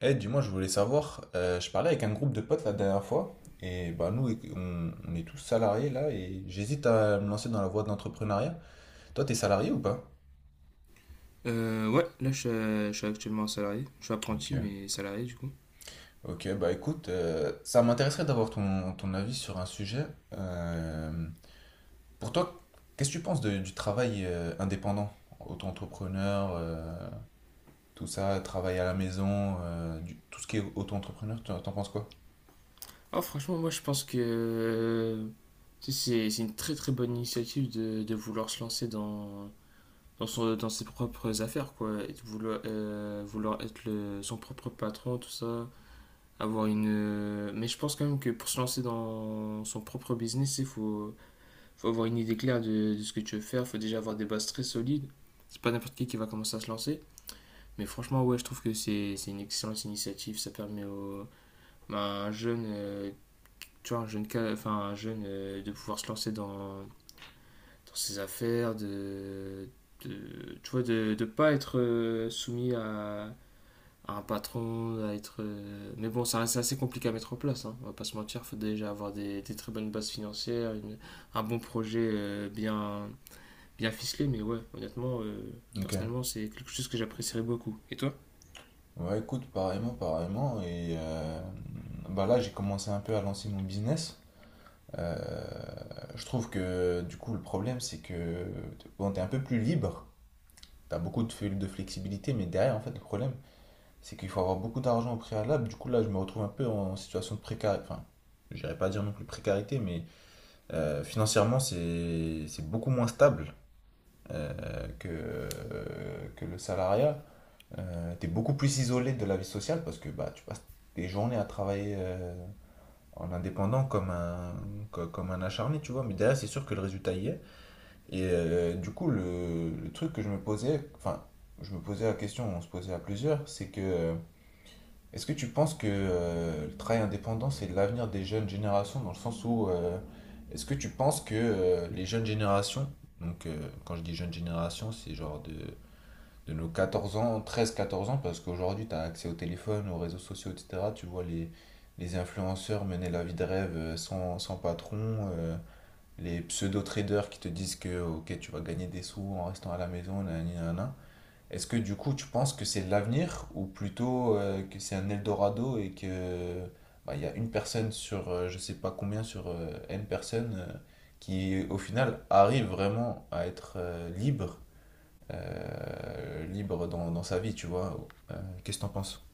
Eh, dis-moi, je voulais savoir, je parlais avec un groupe de potes la dernière fois, et bah nous, on est tous salariés là, et j'hésite à me lancer dans la voie de l'entrepreneuriat. Toi, t'es salarié ou pas? Ouais, là je suis actuellement salarié. Je suis apprenti, Ok. mais salarié du coup. Ok, bah écoute, ça m'intéresserait d'avoir ton avis sur un sujet. Euh, pour toi, qu'est-ce que tu penses du travail indépendant? Auto-entrepreneur, tout ça, travail à la maison, tout ce qui est auto-entrepreneur, t'en penses quoi? Ah, franchement, moi je pense que tu sais, c'est une très très bonne initiative de vouloir se lancer dans ses propres affaires, quoi. Et de vouloir, vouloir être son propre patron, tout ça. Avoir une. Mais je pense quand même que pour se lancer dans son propre business, faut avoir une idée claire de ce que tu veux faire. Il faut déjà avoir des bases très solides. C'est pas n'importe qui va commencer à se lancer. Mais franchement, ouais, je trouve que c'est une excellente initiative. À un jeune, tu vois, un jeune, un jeune de pouvoir se lancer dans ses affaires, tu vois, de ne pas être soumis à un patron, à être. Mais bon, ça reste assez compliqué à mettre en place, hein, on va pas se mentir. Faut déjà avoir des très bonnes bases financières, un bon projet bien ficelé. Mais ouais, honnêtement, Ok. personnellement, c'est quelque chose que j'apprécierais beaucoup. Et toi? Ouais, écoute, pareillement, pareillement. Et bah là, j'ai commencé un peu à lancer mon business. Je trouve que du coup, le problème, c'est que bon, t'es un peu plus libre. T'as beaucoup de flexibilité, mais derrière, en fait, le problème, c'est qu'il faut avoir beaucoup d'argent au préalable. Du coup, là, je me retrouve un peu en situation de précarité. Enfin, j'irais pas dire non plus précarité, mais financièrement, c'est beaucoup moins stable euh, que, que le salariat. T'es beaucoup plus isolé de la vie sociale parce que bah, tu passes des journées à travailler en indépendant comme comme un acharné, tu vois. Mais derrière, c'est sûr que le résultat y est. Et du coup, le truc que je me posais, enfin, je me posais la question, on se posait à plusieurs, c'est que est-ce que tu penses que le travail indépendant, c'est l'avenir des jeunes générations dans le sens où est-ce que tu penses que les jeunes générations, donc quand je dis jeunes générations, c'est genre de nos 14 ans, treize quatorze ans, parce qu'aujourd'hui, tu as accès au téléphone, aux réseaux sociaux, etc. Tu vois les influenceurs mener la vie de rêve sans patron, les pseudo-traders qui te disent que ok, tu vas gagner des sous en restant à la maison, nanani, nanana. Est-ce que du coup, tu penses que c'est l'avenir ou plutôt que c'est un Eldorado et que bah, il y a une personne sur je sais pas combien, sur N personnes qui au final arrive vraiment à être libre libre dans dans, sa vie, tu vois. Euh, Qu'est-ce que t'en penses?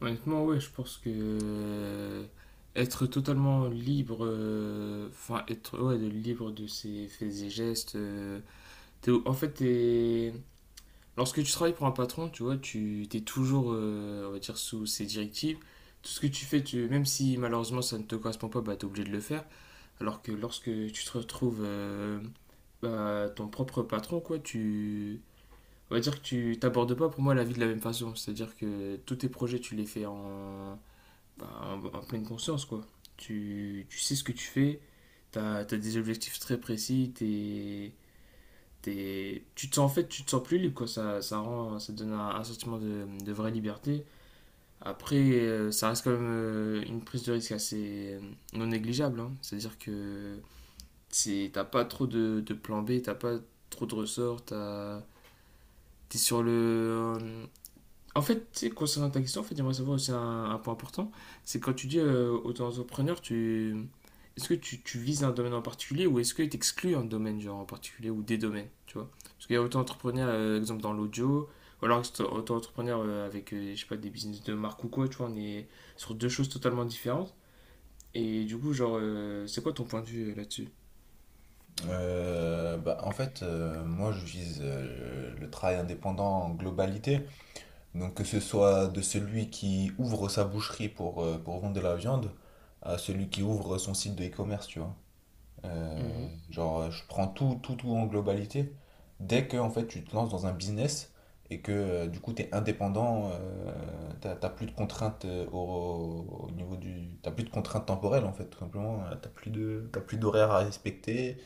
Honnêtement, ouais, je pense que être totalement libre, enfin être ouais, libre de ses faits et gestes. T'es- en fait, t'es- Lorsque tu travailles pour un patron, tu vois, tu t'es toujours, on va dire, sous ses directives. Tout ce que tu fais, même si malheureusement ça ne te correspond pas, bah, t'es obligé de le faire. Alors que lorsque tu te retrouves bah, ton propre patron, quoi, tu... On va dire que tu t'abordes pas pour moi la vie de la même façon. C'est-à-dire que tous tes projets, tu les fais en pleine conscience, quoi. Tu sais ce que tu fais, t'as des objectifs très précis, tu te sens en fait, tu te sens plus libre, quoi. Ça donne un sentiment de vraie liberté. Après, ça reste quand même une prise de risque assez non négligeable, hein. C'est-à-dire que t'as pas trop de plan B, t'as pas trop de ressorts, t'es sur le, en fait, tu sais, concernant ta question, en fait, j'aimerais savoir aussi un point important. C'est quand tu dis auto-entrepreneur, tu... est-ce que tu vises un domaine en particulier ou est-ce que tu exclus un domaine genre en particulier ou des domaines, tu vois? Parce qu'il y a auto-entrepreneur, exemple, dans l'audio, ou alors c'est auto-entrepreneur avec, je sais pas, des business de marque ou quoi, tu vois, on est sur deux choses totalement différentes. Et du coup, genre, c'est quoi ton point de vue là-dessus? En fait, moi je vise le travail indépendant en globalité. Donc que ce soit de celui qui ouvre sa boucherie pour vendre de la viande à celui qui ouvre son site de e-commerce, tu vois. Mhm. Je prends tout, tout, tout en globalité. Dès que en fait, tu te lances dans un business et que du coup, tu es indépendant, t'as plus de contraintes au niveau du. T'as plus de contraintes temporelles en fait, tout simplement. T'as plus t'as plus d'horaires à respecter.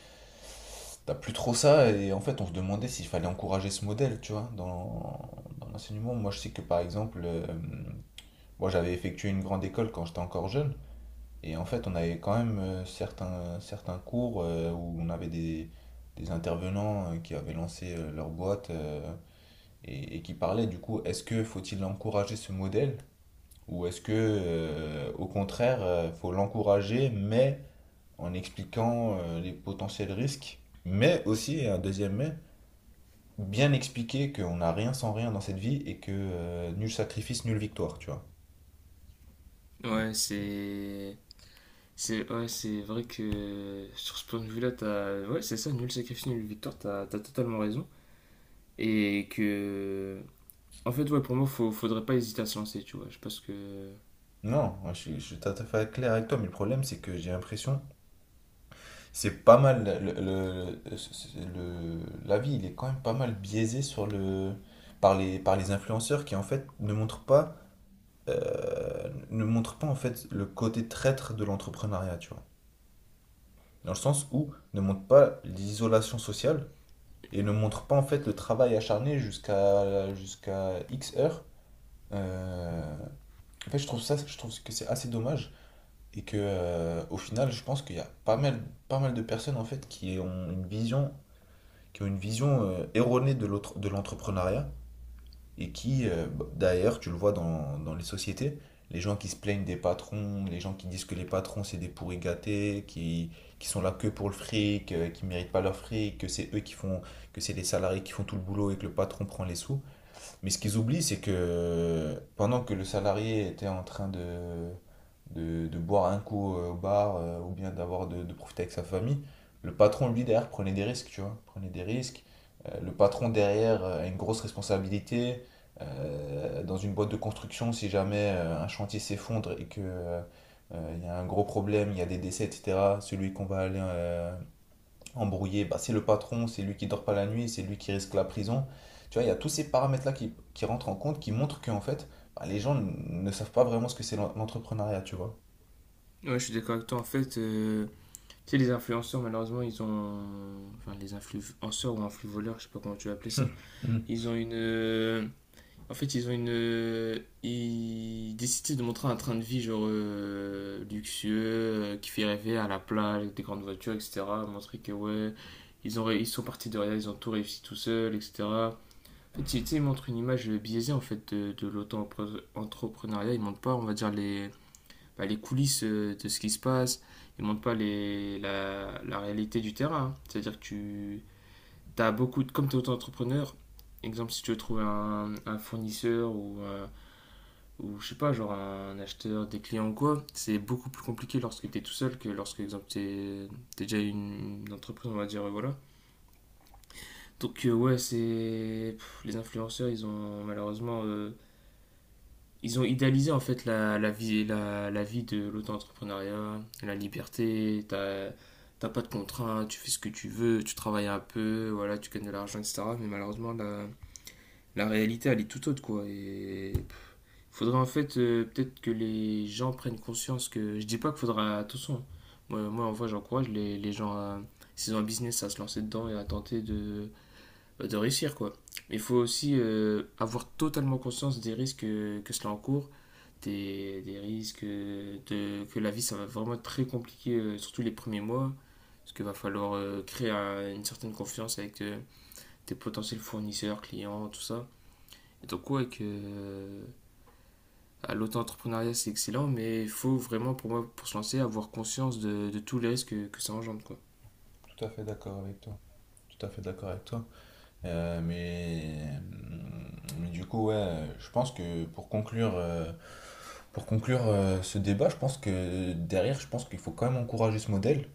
T'as plus trop ça. Et en fait, on se demandait s'il fallait encourager ce modèle, tu vois, dans l'enseignement. Moi, je sais que par exemple, moi, j'avais effectué une grande école quand j'étais encore jeune. Et en fait, on avait quand même certains, certains cours où on avait des intervenants qui avaient lancé leur boîte et qui parlaient du coup, est-ce que faut-il encourager ce modèle ou est-ce que au contraire, faut l'encourager mais en expliquant les potentiels risques, mais aussi, et un deuxième mais, bien expliquer qu'on n'a rien sans rien dans cette vie et que nul sacrifice, nulle victoire, tu vois. Ouais, c'est... C'est ouais, c'est vrai que sur ce point de vue-là, t'as... Ouais, c'est ça, nul sacrifice, nulle victoire, t'as totalement raison. Et que... En fait, ouais, pour moi, faudrait pas hésiter à se lancer, tu vois. Je pense que... Non, moi, je suis tout à fait clair avec toi, mais le problème c'est que j'ai l'impression. C'est pas mal, l'avis, il est quand même pas mal biaisé par par les influenceurs qui en fait ne montrent pas, ne montrent pas en fait le côté traître de l'entrepreneuriat, tu vois. Dans le sens où ne montrent pas l'isolation sociale et ne montrent pas en fait le travail acharné jusqu'à X heures. Euh, En fait, je trouve que c'est assez dommage et que au final, je pense qu'il y a pas mal de personnes en fait qui ont une vision erronée de l'entrepreneuriat et qui, bah, d'ailleurs, tu le vois dans les sociétés, les gens qui se plaignent des patrons, les gens qui disent que les patrons c'est des pourris gâtés, qui sont là que pour le fric, qui méritent pas leur fric, que c'est les salariés qui font tout le boulot et que le patron prend les sous. Mais ce qu'ils oublient, c'est que pendant que le salarié était en train de boire un coup au bar ou bien de profiter avec sa famille, le patron, lui, derrière, prenait des risques, tu vois, prenait des risques. Le patron, derrière, a une grosse responsabilité. Dans une boîte de construction, si jamais un chantier s'effondre et que il y a un gros problème, il y a des décès, etc., celui qu'on va aller embrouillé, bah, c'est le patron, c'est lui qui dort pas la nuit, c'est lui qui risque la prison. Tu vois, il y a tous ces paramètres-là qui rentrent en compte, qui montrent qu'en fait, bah, les gens ne savent pas vraiment ce que c'est l'entrepreneuriat, tu vois. Ouais, je suis d'accord avec toi. En fait, tu sais, les influenceurs, malheureusement, ils ont... Enfin, les influenceurs ou influvoleurs, je sais pas comment tu vas appeler ça. Mm. Ils ont une... euh, Ils ont une. Ils décidaient de montrer un train de vie, genre luxueux, qui fait rêver à la plage, avec des grandes voitures, etc. Montrer que, ouais, ils sont partis de rien, ils ont tout réussi tout seuls, etc. En fait, tu sais, ils montrent une image biaisée en fait, de l'auto-entrepreneuriat. Ils montrent pas, on va dire, bah, les coulisses de ce qui se passe. Ils montrent pas la réalité du terrain, hein. C'est-à-dire que tu as beaucoup. De- Comme tu es auto-entrepreneur, exemple, si tu veux trouver un fournisseur ou je sais pas, genre un acheteur, des clients ou quoi, c'est beaucoup plus compliqué lorsque t'es tout seul que lorsque, exemple, t'es déjà une entreprise, on va dire, voilà. Donc, ouais, les influenceurs, ils ont malheureusement. Ils ont idéalisé en fait la vie, la vie de l'auto-entrepreneuriat, la liberté, t'as pas de contraintes, tu fais ce que tu veux, tu travailles un peu, voilà, tu gagnes de l'argent, etc. Mais malheureusement, la réalité, elle est tout autre, quoi. Et faudrait en fait peut-être que les gens prennent conscience que je dis pas qu'il faudra attention. Moi en vrai j'encourage les gens à, s'ils ont un business à se lancer dedans et à tenter de, bah, de réussir quoi. Mais il faut aussi avoir totalement conscience des risques que cela encourt, des risques que la vie ça va vraiment être très compliqué, surtout les premiers mois, parce qu'il va falloir créer une certaine confiance avec tes potentiels fournisseurs, clients, tout ça. Et donc ouais que ah, l'auto-entrepreneuriat, c'est excellent, mais il faut vraiment, pour moi, pour se lancer, avoir conscience de tous les risques que ça engendre, quoi. Tout à fait d'accord avec toi. Tout à fait d'accord avec toi. Mais du coup, ouais, je pense que pour conclure ce débat, je pense que derrière, je pense qu'il faut quand même encourager ce modèle.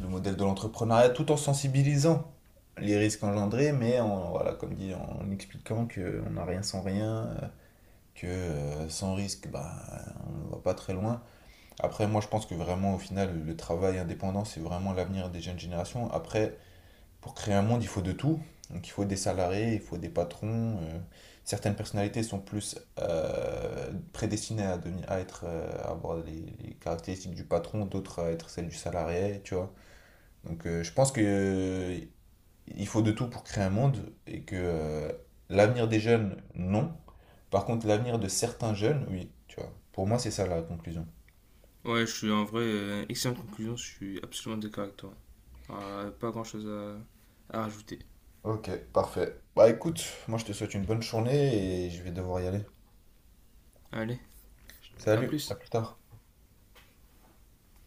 Le modèle de l'entrepreneuriat tout en sensibilisant les risques engendrés, mais en, voilà, comme dit, en expliquant qu'on n'a rien sans rien, que sans risque, bah, on ne va pas très loin. Après, moi, je pense que vraiment, au final, le travail indépendant, c'est vraiment l'avenir des jeunes générations. Après, pour créer un monde, il faut de tout. Donc, il faut des salariés, il faut des patrons. Certaines personnalités sont plus prédestinées à, devenir, à, être, à avoir les caractéristiques du patron, d'autres à être celles du salarié, tu vois. Donc je pense que il faut de tout pour créer un monde et que l'avenir des jeunes, non. Par contre, l'avenir de certains jeunes, oui, tu vois. Pour moi, c'est ça la conclusion. Ouais, je suis en vrai, excellente conclusion, je suis absolument d'accord avec toi. Alors, pas grand chose à rajouter. Ok, parfait. Bah écoute, moi je te souhaite une bonne journée et je vais devoir y aller. Allez, à Salut, à plus. plus tard.